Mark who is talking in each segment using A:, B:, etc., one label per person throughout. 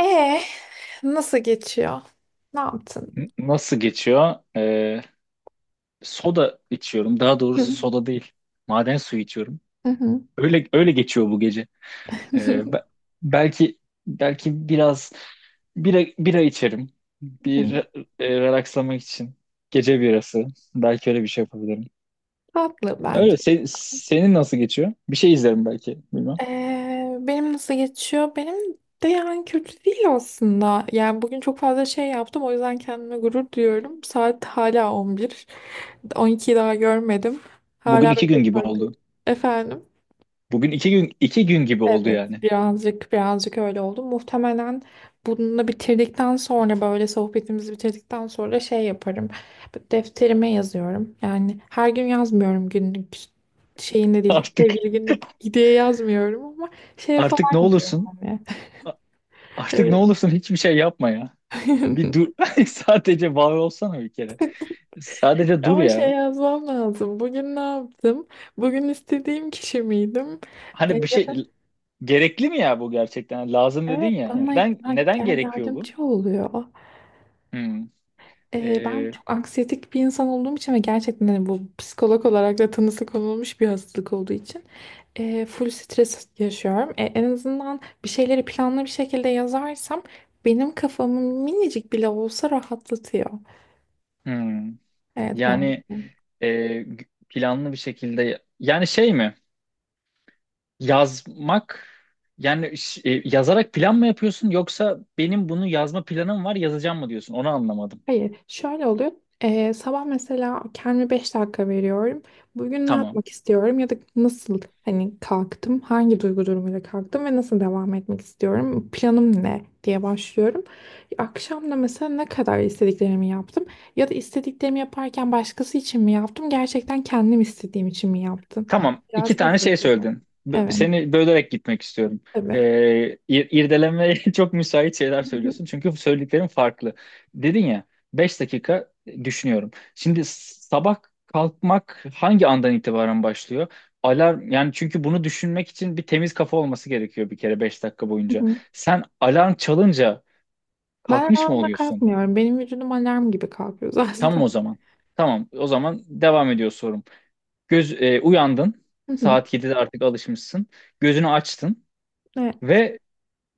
A: E, nasıl geçiyor? Ne yaptın?
B: Nasıl geçiyor? Soda içiyorum. Daha
A: Hı.
B: doğrusu soda değil. Maden suyu içiyorum.
A: Hı hı.
B: Öyle öyle geçiyor bu gece. Ee,
A: Hı.
B: be- belki belki biraz bira içerim. Bir
A: Hı.
B: relakslamak için. Gece birası. Belki öyle bir şey yapabilirim.
A: Tatlı
B: Öyle.
A: bence.
B: Senin nasıl geçiyor? Bir şey izlerim belki. Bilmem.
A: Benim nasıl geçiyor? Benim de yani kötü değil aslında. Yani bugün çok fazla şey yaptım. O yüzden kendime gurur duyuyorum. Saat hala 11, on 12'yi daha görmedim.
B: Bugün
A: Hala böyle
B: 2 gün
A: çok
B: gibi
A: farklı.
B: oldu.
A: Efendim?
B: Bugün iki gün gibi oldu
A: Evet,
B: yani.
A: birazcık öyle oldu. Muhtemelen bunu bitirdikten sonra, böyle sohbetimizi bitirdikten sonra şey yaparım. Defterime yazıyorum. Yani her gün yazmıyorum, günlük şeyinde değil.
B: Artık
A: Sevgili günlük diye yazmıyorum ama şeye
B: artık
A: falan
B: ne
A: yazıyorum
B: olursun?
A: hani.
B: Artık ne
A: Evet.
B: olursun hiçbir şey yapma ya. Bir dur. Sadece var olsana bir kere. Sadece dur
A: Ama şey,
B: ya.
A: yazmam lazım. Bugün ne yaptım? Bugün istediğim kişi miydim? E,
B: Hani bir şey gerekli mi ya bu gerçekten? Hani lazım
A: Evet,
B: dedin ya.
A: bana
B: Neden gerekiyor bu?
A: yardımcı oluyor.
B: Hmm.
A: Ben
B: Ee,
A: çok anksiyetik bir insan olduğum için ve gerçekten hani bu, psikolog olarak da tanısı konulmuş bir hastalık olduğu için full stres yaşıyorum. E, en azından bir şeyleri planlı bir şekilde yazarsam benim kafamı minicik bile olsa rahatlatıyor.
B: hmm.
A: Evet, bu...
B: Yani e, planlı bir şekilde yani şey mi? Yazmak yani yazarak plan mı yapıyorsun yoksa benim bunu yazma planım var yazacağım mı diyorsun? Onu anlamadım.
A: Hayır, şöyle oluyor. Sabah mesela kendime 5 dakika veriyorum. Bugün ne
B: Tamam.
A: yapmak istiyorum ya da nasıl, hani kalktım, hangi duygu durumuyla kalktım ve nasıl devam etmek istiyorum, planım ne diye başlıyorum. Akşam da mesela ne kadar istediklerimi yaptım ya da istediklerimi yaparken başkası için mi yaptım, gerçekten kendim istediğim için mi yaptım?
B: Tamam, iki
A: Biraz bu
B: tane şey
A: şekilde.
B: söyledin. B-
A: Evet,
B: Seni bölerek gitmek istiyorum. Ee,
A: tabii.
B: ir- irdelemeye çok müsait şeyler
A: Hı hı.
B: söylüyorsun. Çünkü söylediklerin farklı. Dedin ya, 5 dakika düşünüyorum. Şimdi sabah kalkmak hangi andan itibaren başlıyor? Alarm yani, çünkü bunu düşünmek için bir temiz kafa olması gerekiyor bir kere, 5 dakika
A: Hı
B: boyunca.
A: hı.
B: Sen alarm çalınca
A: Ben
B: kalkmış mı
A: alarma
B: oluyorsun?
A: kalkmıyorum. Benim vücudum alarm gibi kalkıyor
B: Tamam
A: zaten.
B: o zaman. Tamam o zaman devam ediyor. Uyandın.
A: Hı hı.
B: Saat 7'de artık alışmışsın. Gözünü açtın ve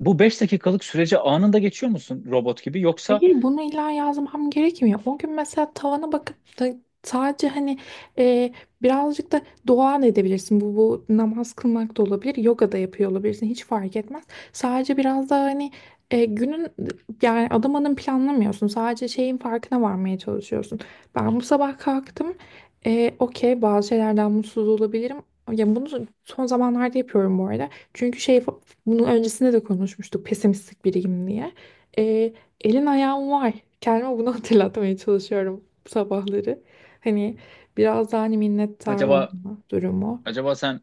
B: bu 5 dakikalık sürece anında geçiyor musun robot gibi yoksa
A: Hayır, bunu illa yazmam gerekmiyor. O gün mesela tavana bakıp da sadece hani e, birazcık da dua da edebilirsin. Bu, bu namaz kılmak da olabilir. Yoga da yapıyor olabilirsin. Hiç fark etmez. Sadece biraz daha hani günün, yani adım adım planlamıyorsun. Sadece şeyin farkına varmaya çalışıyorsun. Ben bu sabah kalktım. E, okey, bazı şeylerden mutsuz olabilirim. Ya bunu son zamanlarda yapıyorum bu arada. Çünkü şey, bunun öncesinde de konuşmuştuk pesimistik biriyim diye. Elin ayağım var. Kendime bunu hatırlatmaya çalışıyorum sabahları. Hani biraz daha hani minnettar
B: acaba
A: olma durumu.
B: acaba sen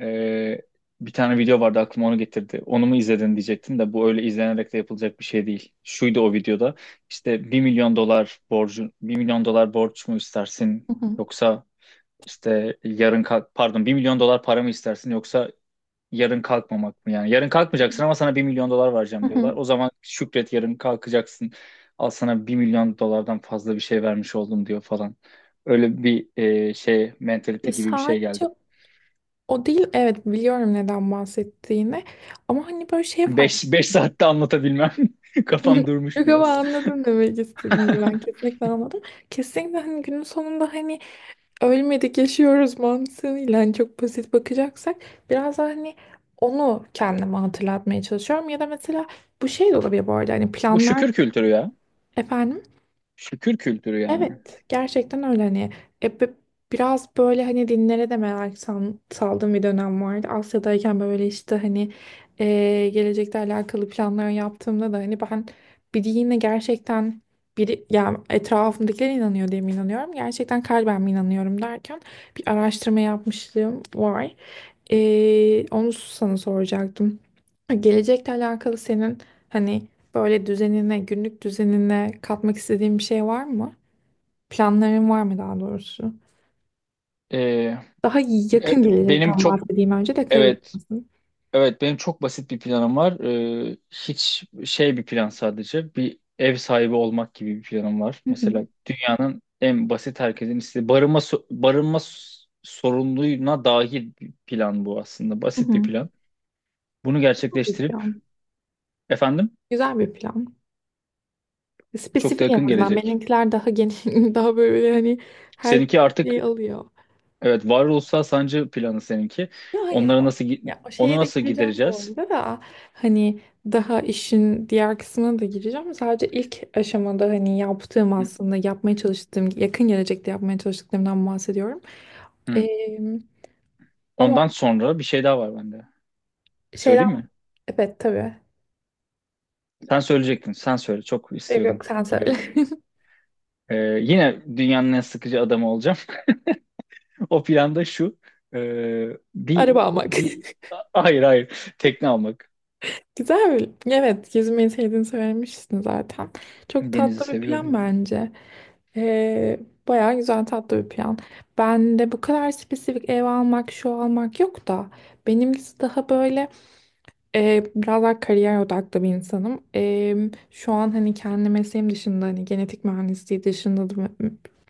B: e, bir tane video vardı, aklıma onu getirdi. Onu mu izledin diyecektim de bu öyle izlenerek de yapılacak bir şey değil. Şuydu o videoda: işte bir milyon dolar borç mu
A: Hı
B: istersin,
A: hı.
B: yoksa işte pardon, 1 milyon dolar para mı istersin, yoksa yarın kalkmamak mı yani? Yarın kalkmayacaksın ama sana 1 milyon dolar
A: Hı
B: vereceğim diyorlar.
A: hı.
B: O zaman şükret, yarın kalkacaksın. Al sana 1 milyon dolardan fazla bir şey vermiş oldum diyor falan. Öyle bir şey, mentalite
A: Ya
B: gibi bir şey
A: sadece
B: geldi.
A: o değil. Evet, biliyorum neden bahsettiğini. Ama hani böyle şey fark ettim.
B: Beş saatte anlatabilmem. Kafam durmuş
A: Yok, ama
B: biraz.
A: anladım demek istediğini. Ben kesinlikle anladım. Kesinlikle hani günün sonunda hani ölmedik yaşıyoruz mantığıyla, hani çok basit bakacaksak, biraz daha hani onu kendime hatırlatmaya çalışıyorum. Ya da mesela bu şey de olabilir bu arada, hani
B: Bu
A: planlar...
B: şükür kültürü ya.
A: Efendim?
B: Şükür kültürü yani.
A: Evet, gerçekten öyle hani e, bi- biraz böyle hani dinlere de saldığım bir dönem vardı. Asya'dayken böyle işte hani gelecekle alakalı planlar yaptığımda da, hani ben bir dine gerçekten, biri, yani etrafımdakiler inanıyor diye mi inanıyorum? Gerçekten kalben mi inanıyorum derken bir araştırma yapmışlığım var. Onu sana soracaktım. Gelecekle alakalı senin hani böyle düzenine, günlük düzenine katmak istediğin bir şey var mı? Planların var mı, daha doğrusu?
B: E,
A: Daha
B: e,
A: yakın
B: benim
A: gelecekten
B: çok
A: bahsedeyim önce, de
B: evet
A: karışmasın.
B: Evet benim çok basit bir planım var. Hiç şey, bir plan sadece. Bir ev sahibi olmak gibi bir planım var.
A: Hı hı.
B: Mesela dünyanın en basit, herkesin istediği barınma sorununa dahil bir plan bu aslında.
A: Hı
B: Basit bir
A: hı.
B: plan. Bunu
A: Güzel bir
B: gerçekleştirip,
A: plan.
B: efendim,
A: Güzel bir plan.
B: çok da
A: Spesifik en
B: yakın
A: azından.
B: gelecek.
A: Benimkiler daha geniş, daha böyle hani her
B: Seninki artık,
A: şeyi alıyor.
B: evet, varoluşsal sancı planı seninki.
A: Ya hayır
B: Onları
A: o,
B: nasıl gi-
A: ya o
B: onu
A: şeye de
B: nasıl
A: gireceğim bu
B: gidereceğiz?
A: arada da, hani daha işin diğer kısmına da gireceğim. Sadece ilk aşamada hani yaptığım,
B: Hı.
A: aslında yapmaya çalıştığım, yakın gelecekte yapmaya çalıştıklarımdan bahsediyorum. Ee, Ama
B: Ondan sonra bir şey daha var bende.
A: şeyden...
B: Söyleyeyim mi?
A: Evet, tabii.
B: Sen söyleyecektin. Sen söyle. Çok
A: Yok
B: istiyordum
A: yok, sen
B: gibi.
A: söyle.
B: Ee, yine dünyanın en sıkıcı adamı olacağım. O planda şu. ee, bir
A: Araba almak.
B: bir hayır hayır. Tekne almak.
A: Güzel. Evet, yüzmeyi sevdiğini söylemişsin zaten. Çok
B: Denizi
A: tatlı bir plan
B: seviyorum.
A: bence. Ee, Bayağı güzel, tatlı bir plan. Ben de bu kadar spesifik ev almak, şu almak yok da, benimkisi daha böyle biraz daha kariyer odaklı bir insanım. E, şu an hani kendi mesleğim dışında, hani genetik mühendisliği dışında da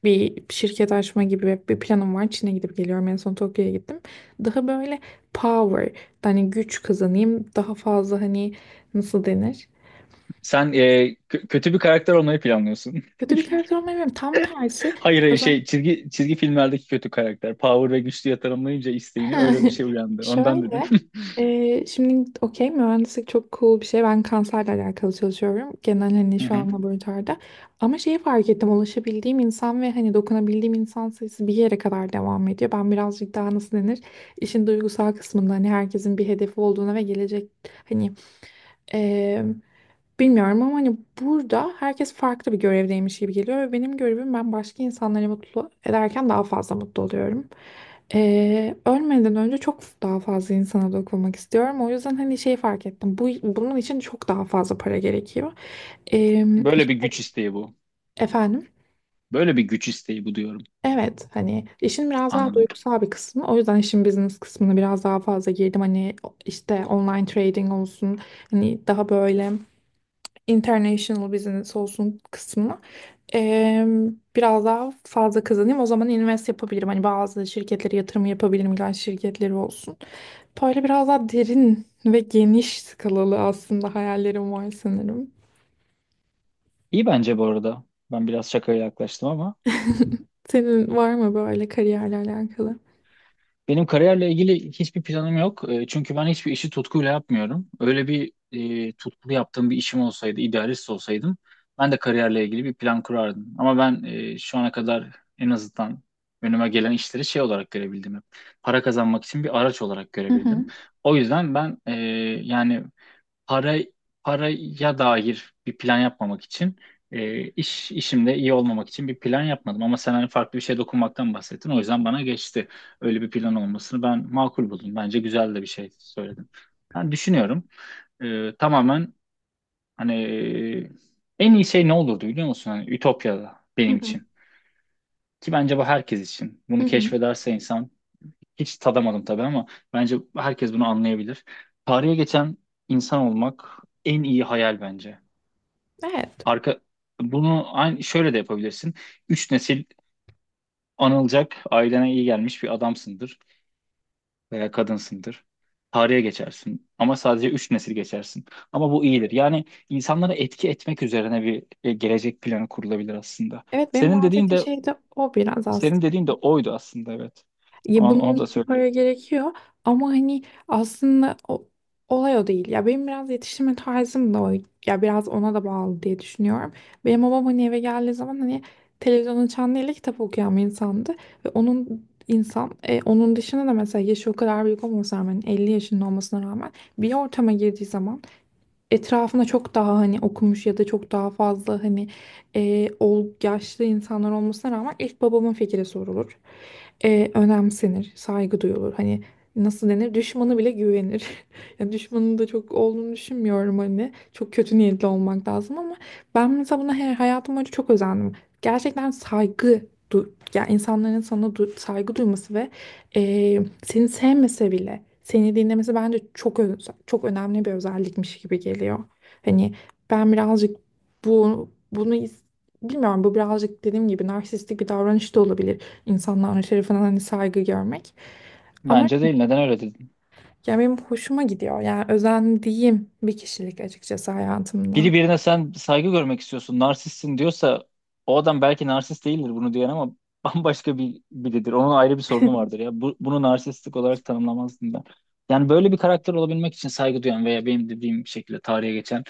A: bir şirket açma gibi bir planım var. Çin'e gidip geliyorum. En son Tokyo'ya gittim. Daha böyle power, hani güç kazanayım. Daha fazla hani, nasıl denir?
B: Sen kötü bir karakter olmayı planlıyorsun.
A: Kötü bir karakter olmayayım. Tam tersi.
B: Hayır, hayır, şey, çizgi filmlerdeki kötü karakter. Power ve güçlüye tanımlayınca isteğini öyle bir şey uyandı. Ondan dedim.
A: Şöyle, şimdi okey, mühendislik çok cool bir şey. Ben kanserle alakalı çalışıyorum. Genel, hani
B: Hı
A: şu
B: hı.
A: an laboratuvarda. Ama şeyi fark ettim. Ulaşabildiğim insan ve hani dokunabildiğim insan sayısı bir yere kadar devam ediyor. Ben birazcık daha, nasıl denir, işin duygusal kısmında hani herkesin bir hedefi olduğuna ve gelecek hani ee, bilmiyorum, ama hani burada herkes farklı bir görevdeymiş gibi geliyor ve benim görevim, ben başka insanları mutlu ederken daha fazla mutlu oluyorum. Ölmeden önce çok daha fazla insana dokunmak istiyorum. O yüzden hani şey fark ettim. Bu, bunun için çok daha fazla para gerekiyor. Ee,
B: Böyle bir güç isteği bu.
A: efendim?
B: Böyle bir güç isteği bu diyorum.
A: Evet, hani işin biraz daha
B: Anladım.
A: duygusal bir kısmı. O yüzden işin business kısmına biraz daha fazla girdim. Hani işte online trading olsun. Hani daha böyle international business olsun kısmına eee, biraz daha fazla kazanayım. O zaman invest yapabilirim. Hani bazı şirketlere yatırım yapabilirim. İlaç şirketleri olsun. Böyle biraz daha derin ve geniş skalalı aslında hayallerim var sanırım.
B: İyi bence bu arada. Ben biraz şakaya yaklaştım, ama
A: Senin var mı böyle kariyerle alakalı?
B: Benim kariyerle ilgili hiçbir planım yok. Çünkü ben hiçbir işi tutkuyla yapmıyorum. Öyle bir tutkulu yaptığım bir işim olsaydı, idealist olsaydım, ben de kariyerle ilgili bir plan kurardım. Ama ben şu ana kadar en azından önüme gelen işleri şey olarak görebildim hep. Para kazanmak için bir araç olarak
A: Hı hı.
B: görebildim. O yüzden ben yani para paraya dair bir plan yapmamak için, e, iş işimde iyi olmamak için bir plan yapmadım, ama sen hani farklı bir şeye dokunmaktan bahsettin, o yüzden bana geçti. Öyle bir plan olmasını ben makul buldum. Bence güzel de bir şey söyledim. Ben düşünüyorum. Tamamen hani en iyi şey ne olurdu biliyor musun? Hani Ütopya'da
A: Hı
B: benim
A: hı.
B: için. Ki bence bu herkes için.
A: Hı
B: Bunu
A: hı.
B: keşfederse insan, hiç tadamadım tabii ama bence herkes bunu anlayabilir. Tarihe geçen insan olmak en iyi hayal bence.
A: Evet.
B: Arka bunu aynı şöyle de yapabilirsin. Üç nesil anılacak, ailene iyi gelmiş bir adamsındır veya kadınsındır. Tarihe geçersin ama sadece 3 nesil geçersin. Ama bu iyidir. Yani insanlara etki etmek üzerine bir gelecek planı kurulabilir aslında.
A: Evet, benim
B: Senin dediğin
A: bahsettiğim
B: de
A: şey de o biraz.
B: senin dediğin de oydu aslında, evet.
A: Ya
B: Onu,
A: bunun
B: onu da
A: için para
B: söyleyecektim.
A: gerekiyor, ama hani aslında o, olay o değil. Ya benim biraz yetiştirme tarzım da o. Ya biraz ona da bağlı diye düşünüyorum. Benim babam hani eve geldiği zaman hani televizyon açan değil de kitap okuyan bir insandı. Ve onun, insan, onun dışında da mesela yaşı o kadar büyük olmasına rağmen, 50 yaşında olmasına rağmen, bir ortama girdiği zaman etrafında çok daha hani okumuş ya da çok daha fazla hani yaşlı insanlar olmasına rağmen ilk babamın fikri sorulur. E, önemsenir, saygı duyulur. Hani, nasıl denir, düşmanı bile güvenir. Yani düşmanın da çok olduğunu düşünmüyorum hani. Çok kötü niyetli olmak lazım, ama ben mesela buna her hayatım boyunca çok özendim. Gerçekten saygı ya, insanların sana saygı duyması ve seni sevmese bile seni dinlemesi bence çok önemli bir özellikmiş gibi geliyor. Hani ben birazcık bu bunu is- bilmiyorum, bu birazcık dediğim gibi narsistik bir davranış da olabilir. İnsanların şerefine hani saygı görmek. Ama
B: Bence değil. Neden öyle dedin?
A: ya, benim hoşuma gidiyor. Yani özendiğim bir kişilik açıkçası
B: Biri
A: hayatımda.
B: birine, sen saygı görmek istiyorsun, narsistsin diyorsa, o adam belki narsist değildir bunu diyen ama bambaşka bir biridir. Onun ayrı bir sorunu vardır ya. Bunu narsistlik olarak tanımlamazdım ben. Yani böyle bir karakter olabilmek için saygı duyan, veya benim dediğim şekilde tarihe geçen,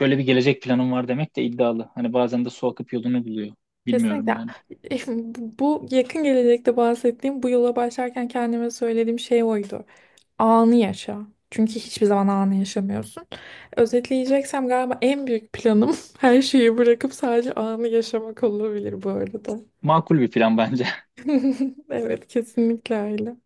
B: böyle bir gelecek planım var demek de iddialı. Hani bazen de su akıp yolunu buluyor. Bilmiyorum
A: Kesinlikle.
B: yani.
A: Bu yakın gelecekte bahsettiğim bu yola başlarken kendime söylediğim şey oydu: anı yaşa. Çünkü hiçbir zaman anı yaşamıyorsun. Özetleyeceksem galiba en büyük planım her şeyi bırakıp sadece anı yaşamak olabilir bu arada.
B: Makul bir plan bence.
A: Evet, kesinlikle öyle.